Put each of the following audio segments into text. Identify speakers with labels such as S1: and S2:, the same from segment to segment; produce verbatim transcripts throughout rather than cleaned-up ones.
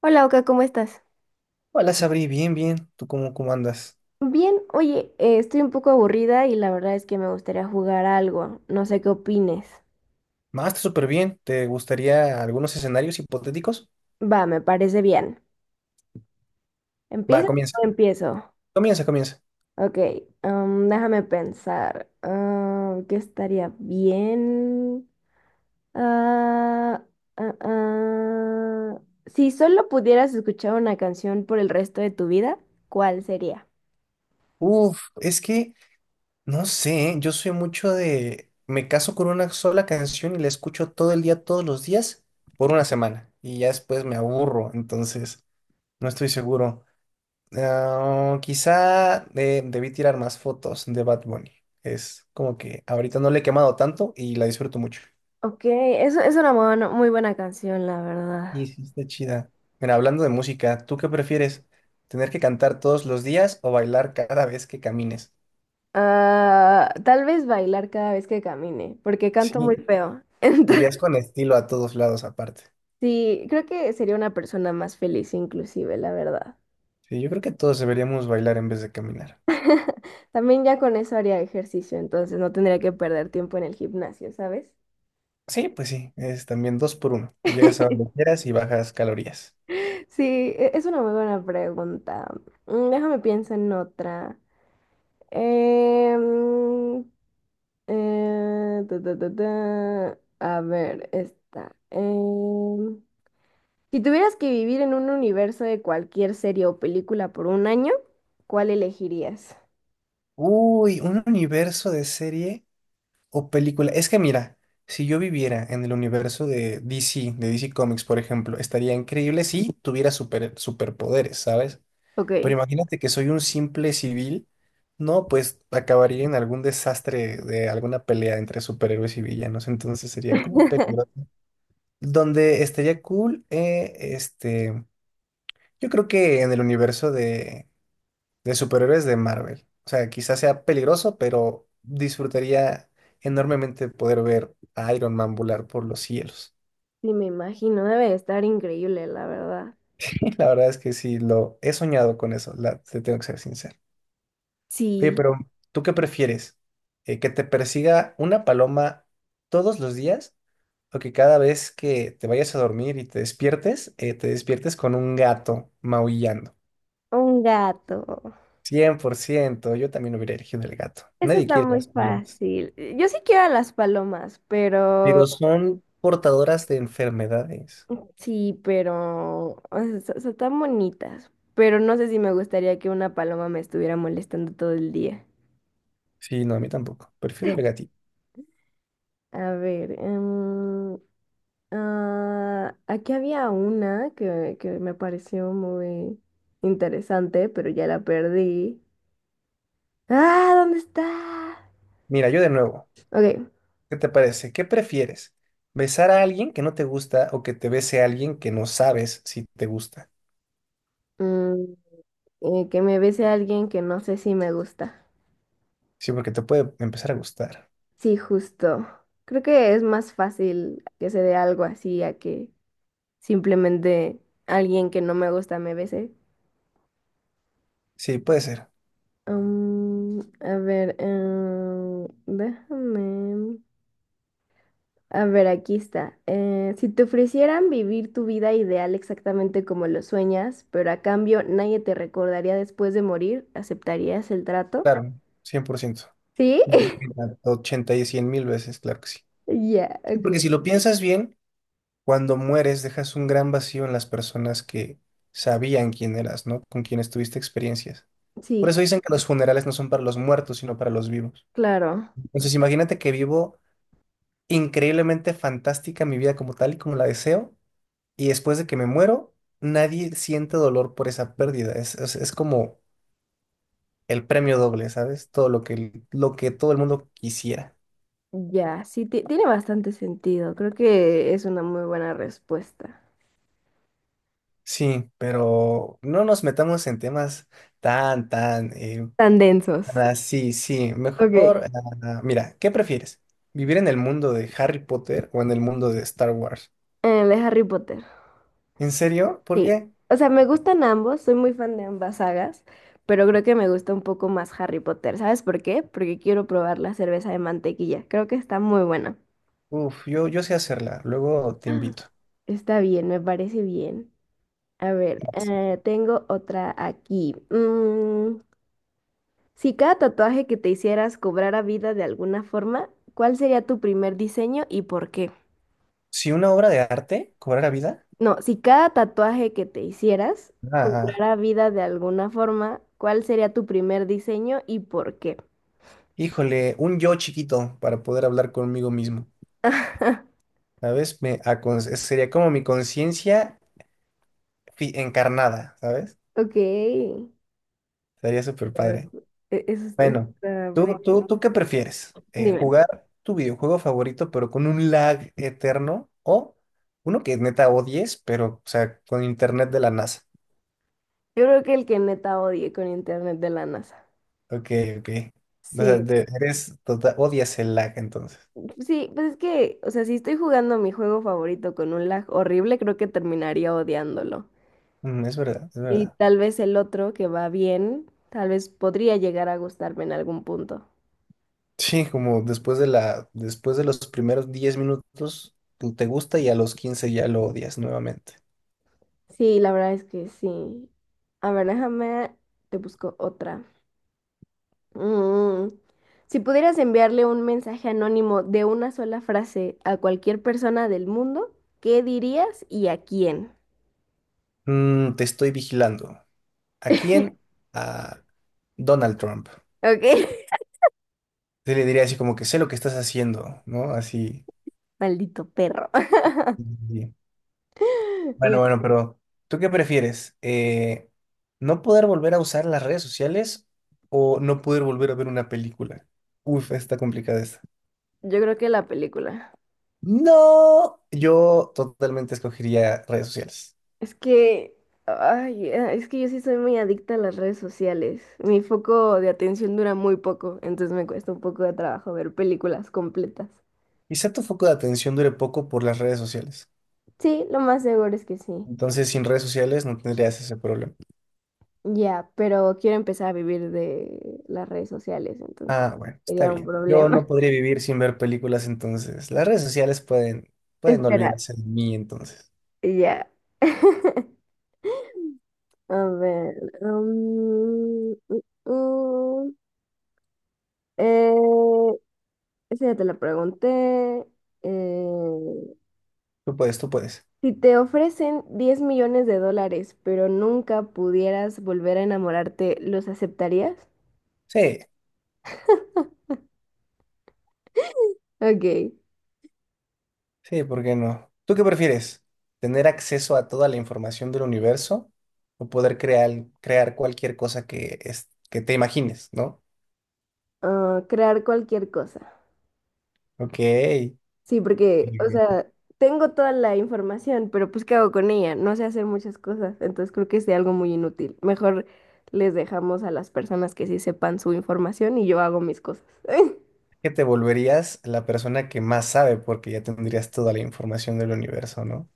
S1: Hola Oka, ¿cómo estás?
S2: Hola, Sabri, bien, bien. ¿Tú cómo, cómo andas?
S1: Bien, oye, eh, estoy un poco aburrida y la verdad es que me gustaría jugar algo. No sé qué opines.
S2: Más, está súper bien. ¿Te gustaría algunos escenarios hipotéticos?
S1: Va, me parece bien.
S2: Va,
S1: Empieza.
S2: comienza.
S1: ¿O empiezo?
S2: Comienza, comienza.
S1: Ok, am, déjame pensar. ¿Ah, qué estaría bien? Ah, ah, ah. Si solo pudieras escuchar una canción por el resto de tu vida, ¿cuál sería?
S2: Uf, es que no sé, yo soy mucho de... Me caso con una sola canción y la escucho todo el día, todos los días, por una semana. Y ya después me aburro, entonces no estoy seguro. Ah, quizá eh, debí tirar más fotos de Bad Bunny. Es como que ahorita no le he quemado tanto y la disfruto mucho.
S1: Ok, eso es una buena- muy buena canción, la verdad.
S2: Sí, sí, está chida. Mira, hablando de música, ¿tú qué prefieres? ¿Tener que cantar todos los días o bailar cada vez que camines?
S1: Ah, tal vez bailar cada vez que camine, porque canto muy
S2: Sí,
S1: feo.
S2: irías
S1: Entonces,
S2: con estilo a todos lados aparte.
S1: sí, creo que sería una persona más feliz inclusive, la verdad.
S2: Sí, yo creo que todos deberíamos bailar en vez de caminar.
S1: También ya con eso haría ejercicio, entonces no tendría que perder tiempo en el gimnasio, ¿sabes?
S2: Sí, pues sí, es también dos por uno. Llegas a donde quieras y bajas calorías.
S1: Sí, e- es una muy buena pregunta. Mm, déjame pienso en otra. Em, eh, ta, ta, ta, ta. A ver, esta. Em, Si tuvieras que vivir en un universo de cualquier serie o película por un año, ¿cuál elegirías?
S2: Uy, un universo de serie o película. Es que mira, si yo viviera en el universo de D C, de D C Comics, por ejemplo, estaría increíble si tuviera super, superpoderes, ¿sabes? Pero
S1: Ok.
S2: imagínate que soy un simple civil, no, pues acabaría en algún desastre de alguna pelea entre superhéroes y villanos, entonces sería como peligroso. Donde estaría cool, eh, este, yo creo que en el universo de, de superhéroes de Marvel. O sea, quizás sea peligroso, pero disfrutaría enormemente poder ver a Iron Man volar por los cielos.
S1: Sí, me imagino, debe de estar increíble, la verdad.
S2: La verdad es que sí, lo he soñado con eso, la, te tengo que ser sincero. Oye,
S1: Sí.
S2: pero ¿tú qué prefieres? Eh, ¿que te persiga una paloma todos los días o que cada vez que te vayas a dormir y te despiertes, eh, te despiertes con un gato maullando?
S1: Un gato.
S2: Cien por ciento, yo también hubiera elegido el gato.
S1: Eso
S2: Nadie
S1: está
S2: quiere
S1: muy
S2: las palomas,
S1: fácil. Yo sí quiero a las palomas, pero
S2: pero son portadoras de enfermedades.
S1: sí, pero o sea, so- son tan bonitas. Pero no sé si me gustaría que una paloma me estuviera molestando todo el día.
S2: Sí, no, a mí tampoco. Prefiero el gatito.
S1: A ver, em, ah, aquí había una que, que me pareció muy interesante, pero ya la perdí. ¡Ah! ¿Dónde está?
S2: Mira, yo de nuevo,
S1: Ok.
S2: ¿qué te parece? ¿Qué prefieres? ¿Besar a alguien que no te gusta o que te bese a alguien que no sabes si te gusta?
S1: mm, eh, que me bese a alguien que no sé si me gusta.
S2: Sí, porque te puede empezar a gustar.
S1: Sí, justo. Creo que es más fácil que se dé algo así a que simplemente alguien que no me gusta me bese.
S2: Sí, puede ser,
S1: Mm, a ver, eh, déjame. A ver, aquí está. Eh, si te ofrecieran vivir tu vida ideal exactamente como lo sueñas, pero a cambio nadie te recordaría después de morir, ¿aceptarías el trato?
S2: claro, cien por ciento.
S1: ¿Sí?
S2: Y- Ochenta y cien mil veces, claro que sí.
S1: Ya,
S2: Sí,
S1: ok.
S2: porque si lo piensas bien, cuando mueres dejas un gran vacío en las personas que sabían quién eras, ¿no? Con quienes tuviste experiencias. Por
S1: Sí,
S2: eso dicen que los funerales no son para los muertos, sino para los vivos.
S1: claro.
S2: Entonces, imagínate que vivo increíblemente fantástica mi vida como tal y como la deseo, y después de que me muero, nadie siente dolor por esa pérdida. Es, es, es como el premio doble, ¿sabes? Todo lo que, lo que todo el mundo quisiera.
S1: Ya, sí, ti- tiene bastante sentido. Creo que es una muy buena respuesta.
S2: Sí, pero no nos metamos en temas tan, tan, eh,
S1: Tan densos.
S2: ah, sí, sí,
S1: Ok. Eh,
S2: mejor, ah, mira, ¿qué prefieres? ¿Vivir en el mundo de Harry Potter o en el mundo de Star Wars?
S1: de Harry Potter.
S2: ¿En serio? ¿Por
S1: Sí,
S2: qué?
S1: o sea, me gustan ambos, soy muy fan de ambas sagas, pero creo que me gusta un poco más Harry Potter. ¿Sabes por qué? Porque quiero probar la cerveza de mantequilla. Creo que está muy buena.
S2: Uf, yo, yo sé hacerla, luego te invito.
S1: Está bien, me parece bien. A ver,
S2: Vas.
S1: eh, tengo otra aquí. Mm, si cada tatuaje que te hicieras cobrara vida de alguna forma, ¿cuál sería tu primer diseño y por qué?
S2: Si una obra de arte cobrara vida,
S1: No, si cada tatuaje que te hicieras
S2: ah,
S1: cobrara vida de alguna forma, ¿cuál sería tu primer diseño y por qué?
S2: híjole, un yo chiquito para poder hablar conmigo mismo, ¿sabes? Me acon- sería como mi conciencia fi- encarnada, ¿sabes?
S1: Ok. E-
S2: Sería súper padre.
S1: Eh, eso es-
S2: Bueno,
S1: está
S2: ¿tú, tú,
S1: medio.
S2: tú qué prefieres? Eh,
S1: Dime,
S2: ¿jugar tu videojuego favorito pero con un lag eterno o uno que neta odies pero, o sea, con internet de la NASA?
S1: yo creo que el que neta odie con internet de la NASA.
S2: Ok, ok. O sea,
S1: Sí,
S2: de- eres, total odias el lag entonces.
S1: sí, pues es que, o sea, si estoy jugando mi juego favorito con un lag horrible, creo que terminaría odiándolo.
S2: Mm, es verdad, es
S1: Y
S2: verdad.
S1: tal vez el otro que va bien, tal vez podría llegar a gustarme en algún punto.
S2: Sí, como después de la, después de los primeros diez minutos tú te gusta y a los quince ya lo odias nuevamente.
S1: Sí, la verdad es que sí. A ver, déjame, te busco otra. Mm. Si pudieras enviarle un mensaje anónimo de una sola frase a cualquier persona del mundo, ¿qué dirías y a quién?
S2: Mm, te estoy vigilando. ¿A quién? A Donald Trump.
S1: ¿Ok?
S2: Sí, le diría así como que sé lo que estás haciendo, ¿no? Así.
S1: Maldito perro.
S2: Sí.
S1: Ya,
S2: Bueno, bueno, pero ¿tú qué prefieres? Eh, ¿no poder volver a usar las redes sociales o no poder volver a ver una película? Uf, está complicada esta.
S1: yo creo que la película.
S2: No, yo totalmente escogería redes sociales.
S1: Es que, ay, eh, es que yo sí soy muy adicta a las redes sociales. Mi foco de atención dura muy poco, entonces me cuesta un poco de trabajo ver películas completas.
S2: Quizá tu foco de atención dure poco por las redes sociales.
S1: Sí, lo más seguro es que sí.
S2: Entonces, sin redes sociales no tendrías ese problema.
S1: Ya, pero quiero empezar a vivir de las redes sociales, entonces
S2: Ah, bueno, está
S1: sería un
S2: bien. Yo
S1: problema.
S2: no podría vivir sin ver películas, entonces las redes sociales pueden, pueden no
S1: Espera,
S2: olvidarse de mí, entonces.
S1: ya. A ver. um, mm, mm, eh, esa ya te la pregunté. Eh,
S2: Tú puedes, tú puedes.
S1: si te ofrecen diez millones de dólares, pero nunca pudieras volver a enamorarte, ¿los aceptarías?
S2: Sí,
S1: Ok.
S2: sí, ¿por qué no? ¿Tú qué prefieres? ¿Tener acceso a toda la información del universo o poder crear, crear cualquier cosa que, es, que te imagines, ¿no?
S1: Ah, crear cualquier cosa.
S2: Ok.
S1: Sí, porque, o sea, tengo toda la información, pero pues ¿qué hago con ella? No sé hacer muchas cosas, entonces creo que es de algo muy inútil. Mejor les dejamos a las personas que sí sepan su información y yo hago mis cosas.
S2: Que te volverías la persona que más sabe porque ya tendrías toda la información del universo, ¿no?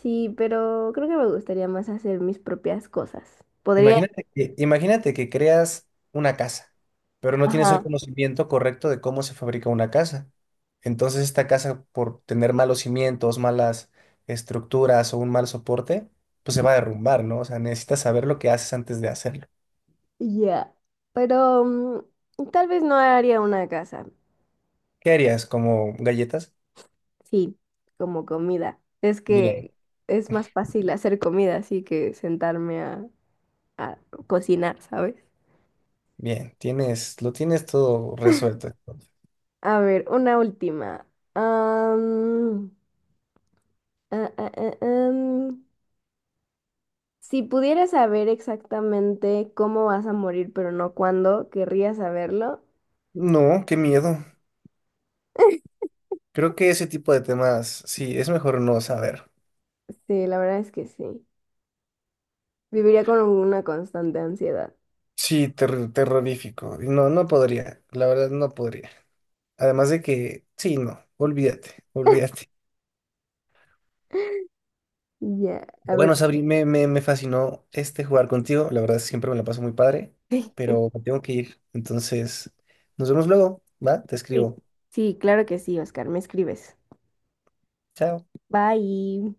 S1: Sí, pero creo que me gustaría más hacer mis propias cosas. Podría...
S2: Imagínate que, imagínate que creas una casa, pero no tienes el
S1: Ajá.
S2: conocimiento correcto de cómo se fabrica una casa. Entonces esta casa, por tener malos cimientos, malas estructuras o un mal soporte, pues se va a derrumbar, ¿no? O sea, necesitas saber lo que haces antes de hacerlo.
S1: Ya. Pero mm, tal vez no haría una casa.
S2: ¿Qué harías? ¿Como galletas?
S1: Sí, como comida. Es
S2: Bien,
S1: que es más fácil hacer comida así que sentarme a, a cocinar, ¿sabes?
S2: bien, tienes, lo tienes todo resuelto.
S1: A ver, una última. Am, ah, ah, ah, am. Si pudieras saber exactamente cómo vas a morir, pero no cuándo, ¿querrías saberlo?
S2: No, qué miedo. Creo que ese tipo de temas, sí, es mejor no saber.
S1: Sí, la verdad es que sí. Viviría con una constante ansiedad.
S2: Sí, ter- terrorífico. No, no podría. La verdad, no podría. Además de que, sí, no, olvídate, olvídate.
S1: Ya, a ver.
S2: Bueno, Sabri, me, me, me fascinó este jugar contigo. La verdad, siempre me la paso muy padre, pero me tengo que ir. Entonces, nos vemos luego, ¿va? Te
S1: Sí,
S2: escribo.
S1: sí, claro que sí, Oscar, me escribes.
S2: Chao.
S1: Bye.